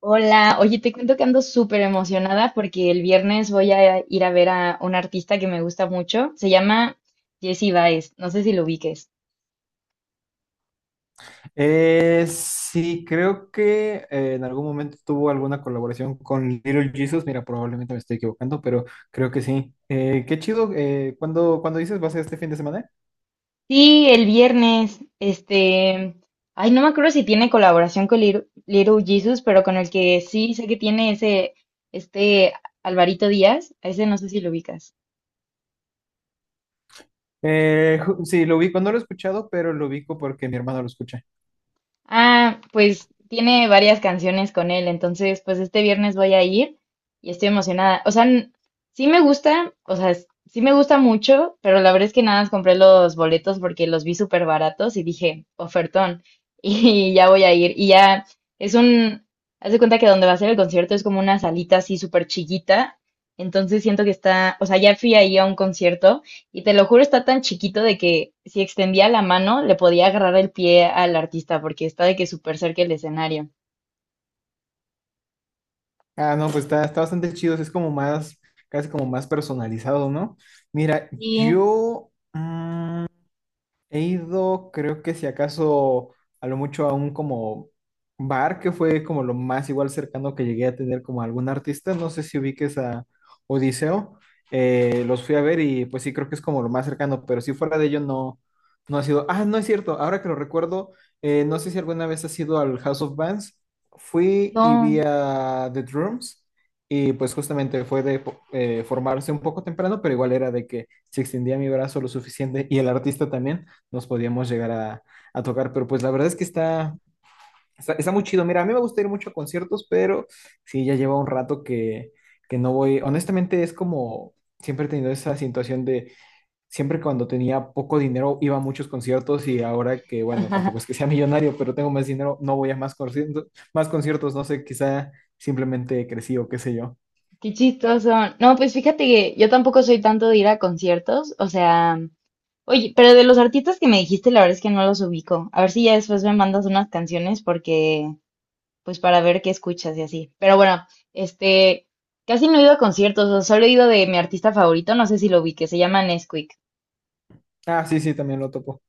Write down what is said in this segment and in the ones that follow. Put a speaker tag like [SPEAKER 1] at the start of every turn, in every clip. [SPEAKER 1] Hola, oye, te cuento que ando súper emocionada porque el viernes voy a ir a ver a un artista que me gusta mucho. Se llama Jessie Baez, no sé si lo ubiques.
[SPEAKER 2] Sí, creo que en algún momento tuvo alguna colaboración con Little Jesus. Mira, probablemente me estoy equivocando, pero creo que sí. Qué chido. ¿Cuándo dices va a ser este fin de semana?
[SPEAKER 1] Sí, el viernes, ay, no me acuerdo si tiene colaboración con Little Jesus, pero con el que sí sé que tiene ese, este Alvarito Díaz, a ese no sé si lo ubicas.
[SPEAKER 2] Sí, lo ubico. No lo he escuchado, pero lo ubico porque mi hermano lo escucha.
[SPEAKER 1] Ah, pues tiene varias canciones con él, entonces pues este viernes voy a ir y estoy emocionada. O sea, sí me gusta, o sea, sí me gusta mucho, pero la verdad es que nada más compré los boletos porque los vi súper baratos y dije, ofertón, y ya voy a ir. Y ya es un, haz de cuenta que donde va a ser el concierto es como una salita así súper chiquita, entonces siento que está, o sea, ya fui ahí a un concierto. Y te lo juro, está tan chiquito de que si extendía la mano, le podía agarrar el pie al artista, porque está de que súper cerca el escenario.
[SPEAKER 2] Ah, no, pues está bastante chido. Es como más, casi como más personalizado, ¿no? Mira,
[SPEAKER 1] Sí,
[SPEAKER 2] yo... he ido, creo que si acaso, a lo mucho a un como bar, que fue como lo más igual cercano que llegué a tener como algún artista. No sé si ubiques a Odiseo. Los fui a ver y pues sí, creo que es como lo más cercano, pero si fuera de ello no ha sido. Ah, no es cierto, ahora que lo recuerdo, no sé si alguna vez has ido al House of Bands. Fui y
[SPEAKER 1] no.
[SPEAKER 2] vi a The Drums y pues justamente fue de formarse un poco temprano, pero igual era de que se extendía mi brazo lo suficiente y el artista también nos podíamos llegar a tocar, pero pues la verdad es que está muy chido. Mira, a mí me gusta ir mucho a conciertos, pero sí, ya lleva un rato que no voy. Honestamente, es como siempre he tenido esa situación de siempre cuando tenía poco dinero iba a muchos conciertos y ahora que, bueno, tampoco es que sea millonario, pero tengo más dinero, no voy a más conciertos, no sé, quizá simplemente crecí o qué sé yo.
[SPEAKER 1] Qué chistoso. No, pues fíjate que yo tampoco soy tanto de ir a conciertos. O sea, oye, pero de los artistas que me dijiste, la verdad es que no los ubico. A ver si ya después me mandas unas canciones porque, pues para ver qué escuchas y así. Pero bueno, este, casi no he ido a conciertos, o solo he ido de mi artista favorito, no sé si lo ubique, se llama Nesquik.
[SPEAKER 2] Ah, sí, sí, también lo topo.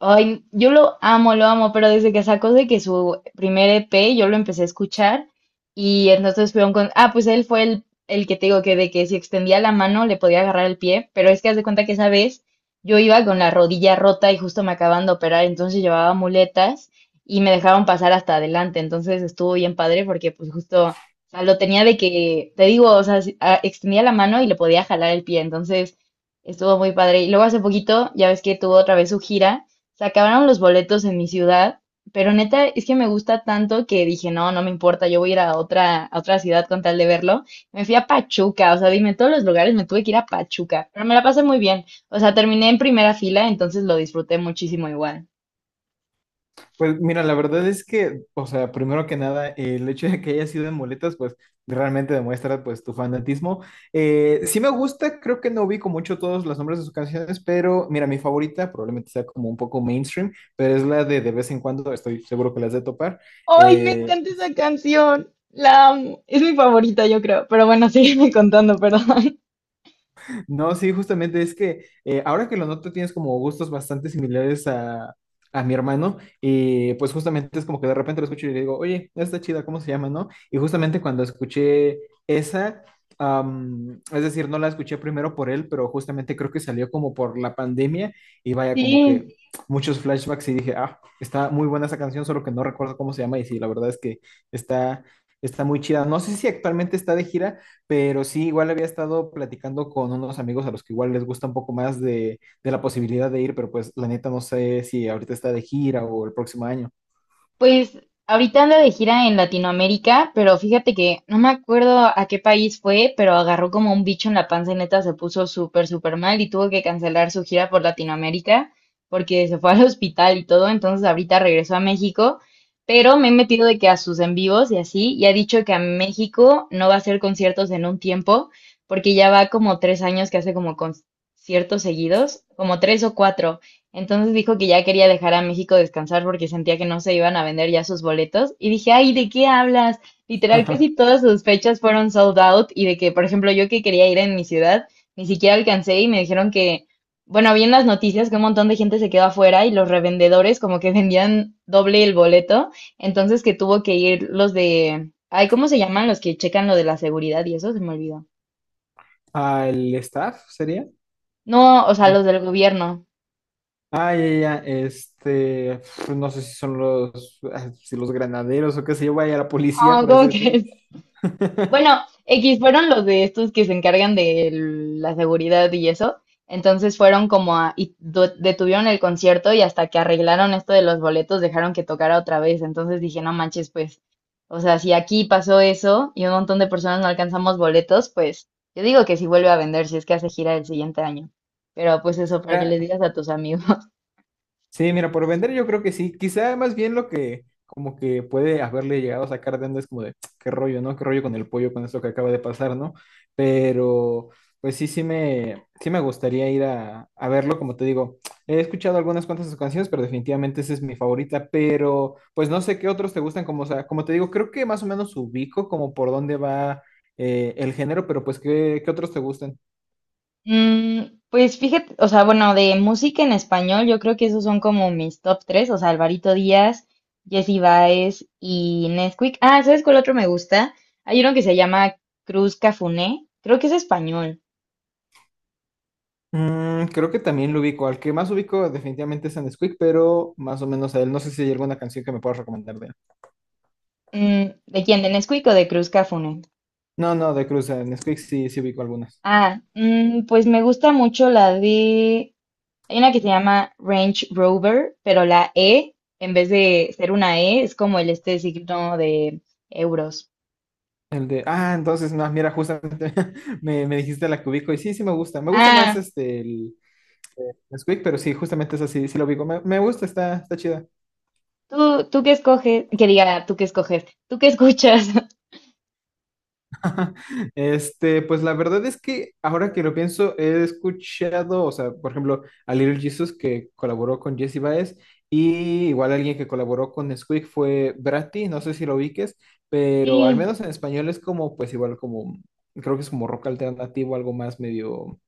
[SPEAKER 1] Ay, yo lo amo, pero desde que sacó de que su primer EP yo lo empecé a escuchar y entonces fue un con... Ah, pues él fue el que te digo que de que si extendía la mano le podía agarrar el pie, pero es que haz de cuenta que esa vez yo iba con la rodilla rota y justo me acaban de operar, entonces llevaba muletas y me dejaron pasar hasta adelante, entonces estuvo bien padre porque pues justo, o sea, lo tenía de que, te digo, o sea, extendía la mano y le podía jalar el pie, entonces estuvo muy padre. Y luego hace poquito, ya ves que tuvo otra vez su gira. Se acabaron los boletos en mi ciudad, pero neta es que me gusta tanto que dije, no, no me importa, yo voy a ir a otra ciudad con tal de verlo. Me fui a Pachuca, o sea, dime, todos los lugares me tuve que ir a Pachuca, pero me la pasé muy bien. O sea, terminé en primera fila, entonces lo disfruté muchísimo igual.
[SPEAKER 2] Pues mira, la verdad es que, o sea, primero que nada, el hecho de que haya sido en muletas, pues realmente demuestra pues tu fanatismo. Sí me gusta, creo que no ubico mucho todos los nombres de sus canciones, pero mira, mi favorita probablemente sea como un poco mainstream, pero es la de vez en cuando, estoy seguro que las de topar.
[SPEAKER 1] ¡Ay, me
[SPEAKER 2] Eh,
[SPEAKER 1] encanta esa canción! La amo. Es mi favorita, yo creo. Pero bueno, sígueme contando, perdón.
[SPEAKER 2] No, Sí, justamente es que ahora que lo noto tienes como gustos bastante similares a mi hermano y pues justamente es como que de repente lo escucho y le digo, oye, está chida, ¿cómo se llama, no? Y justamente cuando escuché esa, es decir, no la escuché primero por él, pero justamente creo que salió como por la pandemia y vaya como que
[SPEAKER 1] Sí,
[SPEAKER 2] muchos flashbacks y dije, ah, está muy buena esa canción, solo que no recuerdo cómo se llama y sí, la verdad es que está, está muy chida. No sé si actualmente está de gira. Pero sí, igual había estado platicando con unos amigos a los que igual les gusta un poco más de la posibilidad de ir, pero pues la neta no sé si ahorita está de gira o el próximo año.
[SPEAKER 1] pues ahorita anda de gira en Latinoamérica, pero fíjate que no me acuerdo a qué país fue, pero agarró como un bicho en la panza y neta se puso súper, súper mal y tuvo que cancelar su gira por Latinoamérica porque se fue al hospital y todo. Entonces ahorita regresó a México, pero me he metido de que a sus en vivos y así, y ha dicho que a México no va a hacer conciertos en un tiempo porque ya va como 3 años que hace como conciertos seguidos, como 3 o 4. Entonces dijo que ya quería dejar a México descansar porque sentía que no se iban a vender ya sus boletos. Y dije, ay, ¿de qué hablas? Literal,
[SPEAKER 2] Ajá.
[SPEAKER 1] casi todas sus fechas fueron sold out y de que, por ejemplo, yo que quería ir en mi ciudad, ni siquiera alcancé y me dijeron que, bueno, vi en las noticias que un montón de gente se quedó afuera y los revendedores como que vendían doble el boleto, entonces que tuvo que ir los de, ay, ¿cómo se llaman los que checan lo de la seguridad y eso? Se me olvidó.
[SPEAKER 2] ¿Al staff sería?
[SPEAKER 1] No, o sea,
[SPEAKER 2] No.
[SPEAKER 1] los del gobierno.
[SPEAKER 2] Ah, ya, ya, ya, este, pf, no sé si son los, ah, si los granaderos o qué sé yo, vaya, la policía,
[SPEAKER 1] Ah,
[SPEAKER 2] por así
[SPEAKER 1] ¿cómo
[SPEAKER 2] decirlo.
[SPEAKER 1] crees? Bueno, X fueron los de estos que se encargan de la seguridad y eso. Entonces fueron como a, y detuvieron el concierto y hasta que arreglaron esto de los boletos dejaron que tocara otra vez. Entonces dije, no manches, pues, o sea, si aquí pasó eso y un montón de personas no alcanzamos boletos, pues yo digo que si vuelve a vender, si es que hace gira el siguiente año. Pero pues eso, para que
[SPEAKER 2] Era,
[SPEAKER 1] les digas a tus amigos.
[SPEAKER 2] Sí, mira, por vender yo creo que sí. Quizá más bien lo que como que puede haberle llegado a sacar de onda es como de "Tsk, qué rollo, ¿no? Qué rollo con el pollo con esto que acaba de pasar, ¿no? Pero pues sí, sí me gustaría ir a verlo, como te digo. He escuchado algunas cuantas de sus canciones, pero definitivamente esa es mi favorita. Pero pues no sé qué otros te gustan, como, o sea, como te digo, creo que más o menos ubico como por dónde va el género, pero pues ¿qué otros te gustan?
[SPEAKER 1] Mm, pues fíjate, o sea, bueno, de música en español, yo creo que esos son como mis top 3, o sea, Alvarito Díaz, Jessie Baez y Nesquik. Ah, ¿sabes cuál otro me gusta? Hay uno que se llama Cruz Cafuné, creo que es español.
[SPEAKER 2] Mm, creo que también lo ubico. Al que más ubico definitivamente es a Nesquik, pero más o menos a él. No sé si hay alguna canción que me puedas recomendar de él.
[SPEAKER 1] Mm, ¿de quién? ¿De Nesquik o de Cruz Cafuné?
[SPEAKER 2] No, no, De Cruz, a Nesquik sí, sí ubico algunas.
[SPEAKER 1] Ah, pues me gusta mucho la de, hay una que se llama Range Rover, pero la E, en vez de ser una E, es como el este signo de euros.
[SPEAKER 2] El de, ah, entonces, no, mira, justamente me dijiste la que ubico y sí, sí me gusta. Me gusta más
[SPEAKER 1] Ah,
[SPEAKER 2] este, el Nesquik, pero sí, justamente es así sí lo ubico. Me gusta, está chida.
[SPEAKER 1] ¿tú, tú qué escoges? Que diga, ¿tú qué escoges? ¿Tú qué escuchas?
[SPEAKER 2] Este, pues la verdad es que ahora que lo pienso, he escuchado, o sea, por ejemplo, a Little Jesus que colaboró con Jesse Baez y igual alguien que colaboró con Squeak fue Bratty, no sé si lo ubiques, pero al
[SPEAKER 1] Sí,
[SPEAKER 2] menos en español es como, pues igual como, creo que es como rock alternativo, algo más medio.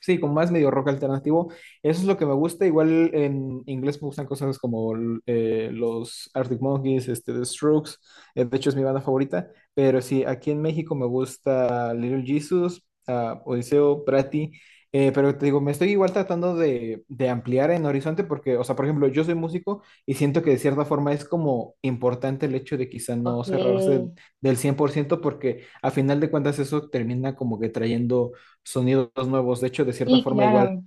[SPEAKER 2] Sí, como más medio rock alternativo. Eso es lo que me gusta. Igual en inglés me gustan cosas como los Arctic Monkeys, este, The Strokes. De hecho, es mi banda favorita. Pero sí, aquí en México me gusta Little Jesus, ah, Odiseo, Prati. Pero te digo, me estoy igual tratando de ampliar en horizonte porque, o sea, por ejemplo, yo soy músico y siento que de cierta forma es como importante el hecho de quizá no cerrarse
[SPEAKER 1] ok.
[SPEAKER 2] del 100% porque a final de cuentas eso termina como que trayendo sonidos nuevos. De hecho, de cierta
[SPEAKER 1] Sí,
[SPEAKER 2] forma, igual
[SPEAKER 1] claro.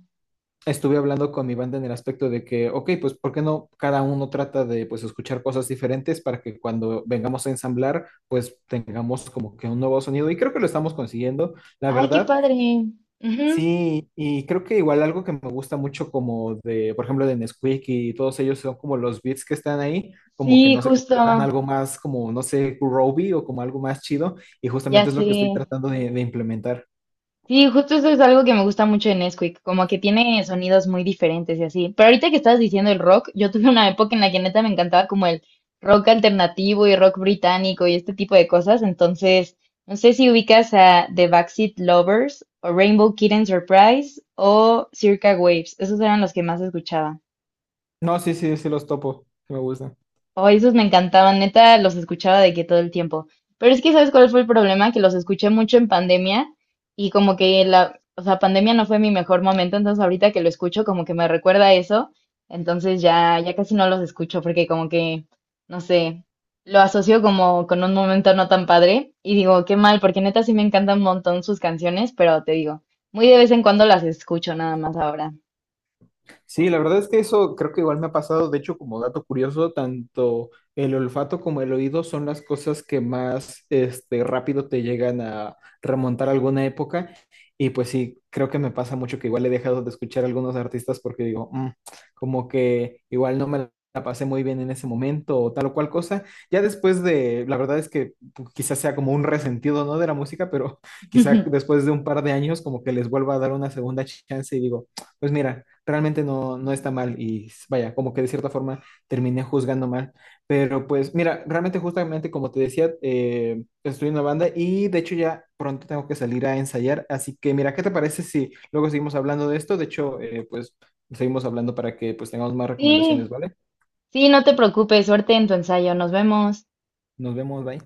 [SPEAKER 2] estuve hablando con mi banda en el aspecto de que, ok, pues, ¿por qué no cada uno trata de, pues, escuchar cosas diferentes para que cuando vengamos a ensamblar, pues, tengamos como que un nuevo sonido? Y creo que lo estamos consiguiendo, la
[SPEAKER 1] Ay, qué
[SPEAKER 2] verdad.
[SPEAKER 1] padre. Ujú,
[SPEAKER 2] Sí, y creo que igual algo que me gusta mucho como de, por ejemplo, de Nesquik y todos ellos son como los beats que están ahí, como que
[SPEAKER 1] sí,
[SPEAKER 2] no se
[SPEAKER 1] justo.
[SPEAKER 2] concretan algo más como, no sé, groovy o como algo más chido, y
[SPEAKER 1] Ya
[SPEAKER 2] justamente es lo
[SPEAKER 1] sé.
[SPEAKER 2] que estoy tratando de implementar.
[SPEAKER 1] Sí, justo eso es algo que me gusta mucho de Nesquik, como que tiene sonidos muy diferentes y así. Pero ahorita que estabas diciendo el rock, yo tuve una época en la que neta me encantaba como el rock alternativo y rock británico y este tipo de cosas. Entonces, no sé si ubicas a The Backseat Lovers o Rainbow Kitten Surprise o Circa Waves. Esos eran los que más escuchaba.
[SPEAKER 2] No, sí, sí, sí los topo, sí me gusta.
[SPEAKER 1] Oh, esos me encantaban, neta, los escuchaba de que todo el tiempo. Pero es que, ¿sabes cuál fue el problema? Que los escuché mucho en pandemia y como que la, o sea, pandemia no fue mi mejor momento, entonces ahorita que lo escucho como que me recuerda a eso, entonces ya, ya casi no los escucho porque como que, no sé, lo asocio como con un momento no tan padre y digo, qué mal, porque neta sí me encantan un montón sus canciones, pero te digo, muy de vez en cuando las escucho nada más ahora.
[SPEAKER 2] Sí, la verdad es que eso creo que igual me ha pasado. De hecho, como dato curioso, tanto el olfato como el oído son las cosas que más rápido te llegan a remontar a alguna época. Y pues sí, creo que me pasa mucho que igual he dejado de escuchar a algunos artistas porque digo, "Mm, como que igual no me la pasé muy bien en ese momento o tal o cual cosa. Ya después de, la verdad es que pues, quizás sea como un resentido, ¿no? De la música, pero quizá después de un par de años como que les vuelva a dar una segunda chance y digo pues mira, realmente no está mal y vaya, como que de cierta forma terminé juzgando mal. Pero pues mira, realmente justamente como te decía, estoy en una banda y de hecho ya pronto tengo que salir a ensayar. Así que mira, ¿qué te parece si luego seguimos hablando de esto? De hecho, pues seguimos hablando para que pues tengamos más recomendaciones,
[SPEAKER 1] Sí,
[SPEAKER 2] ¿vale?
[SPEAKER 1] sí, no te preocupes, suerte en tu ensayo, nos vemos.
[SPEAKER 2] Nos vemos, bye.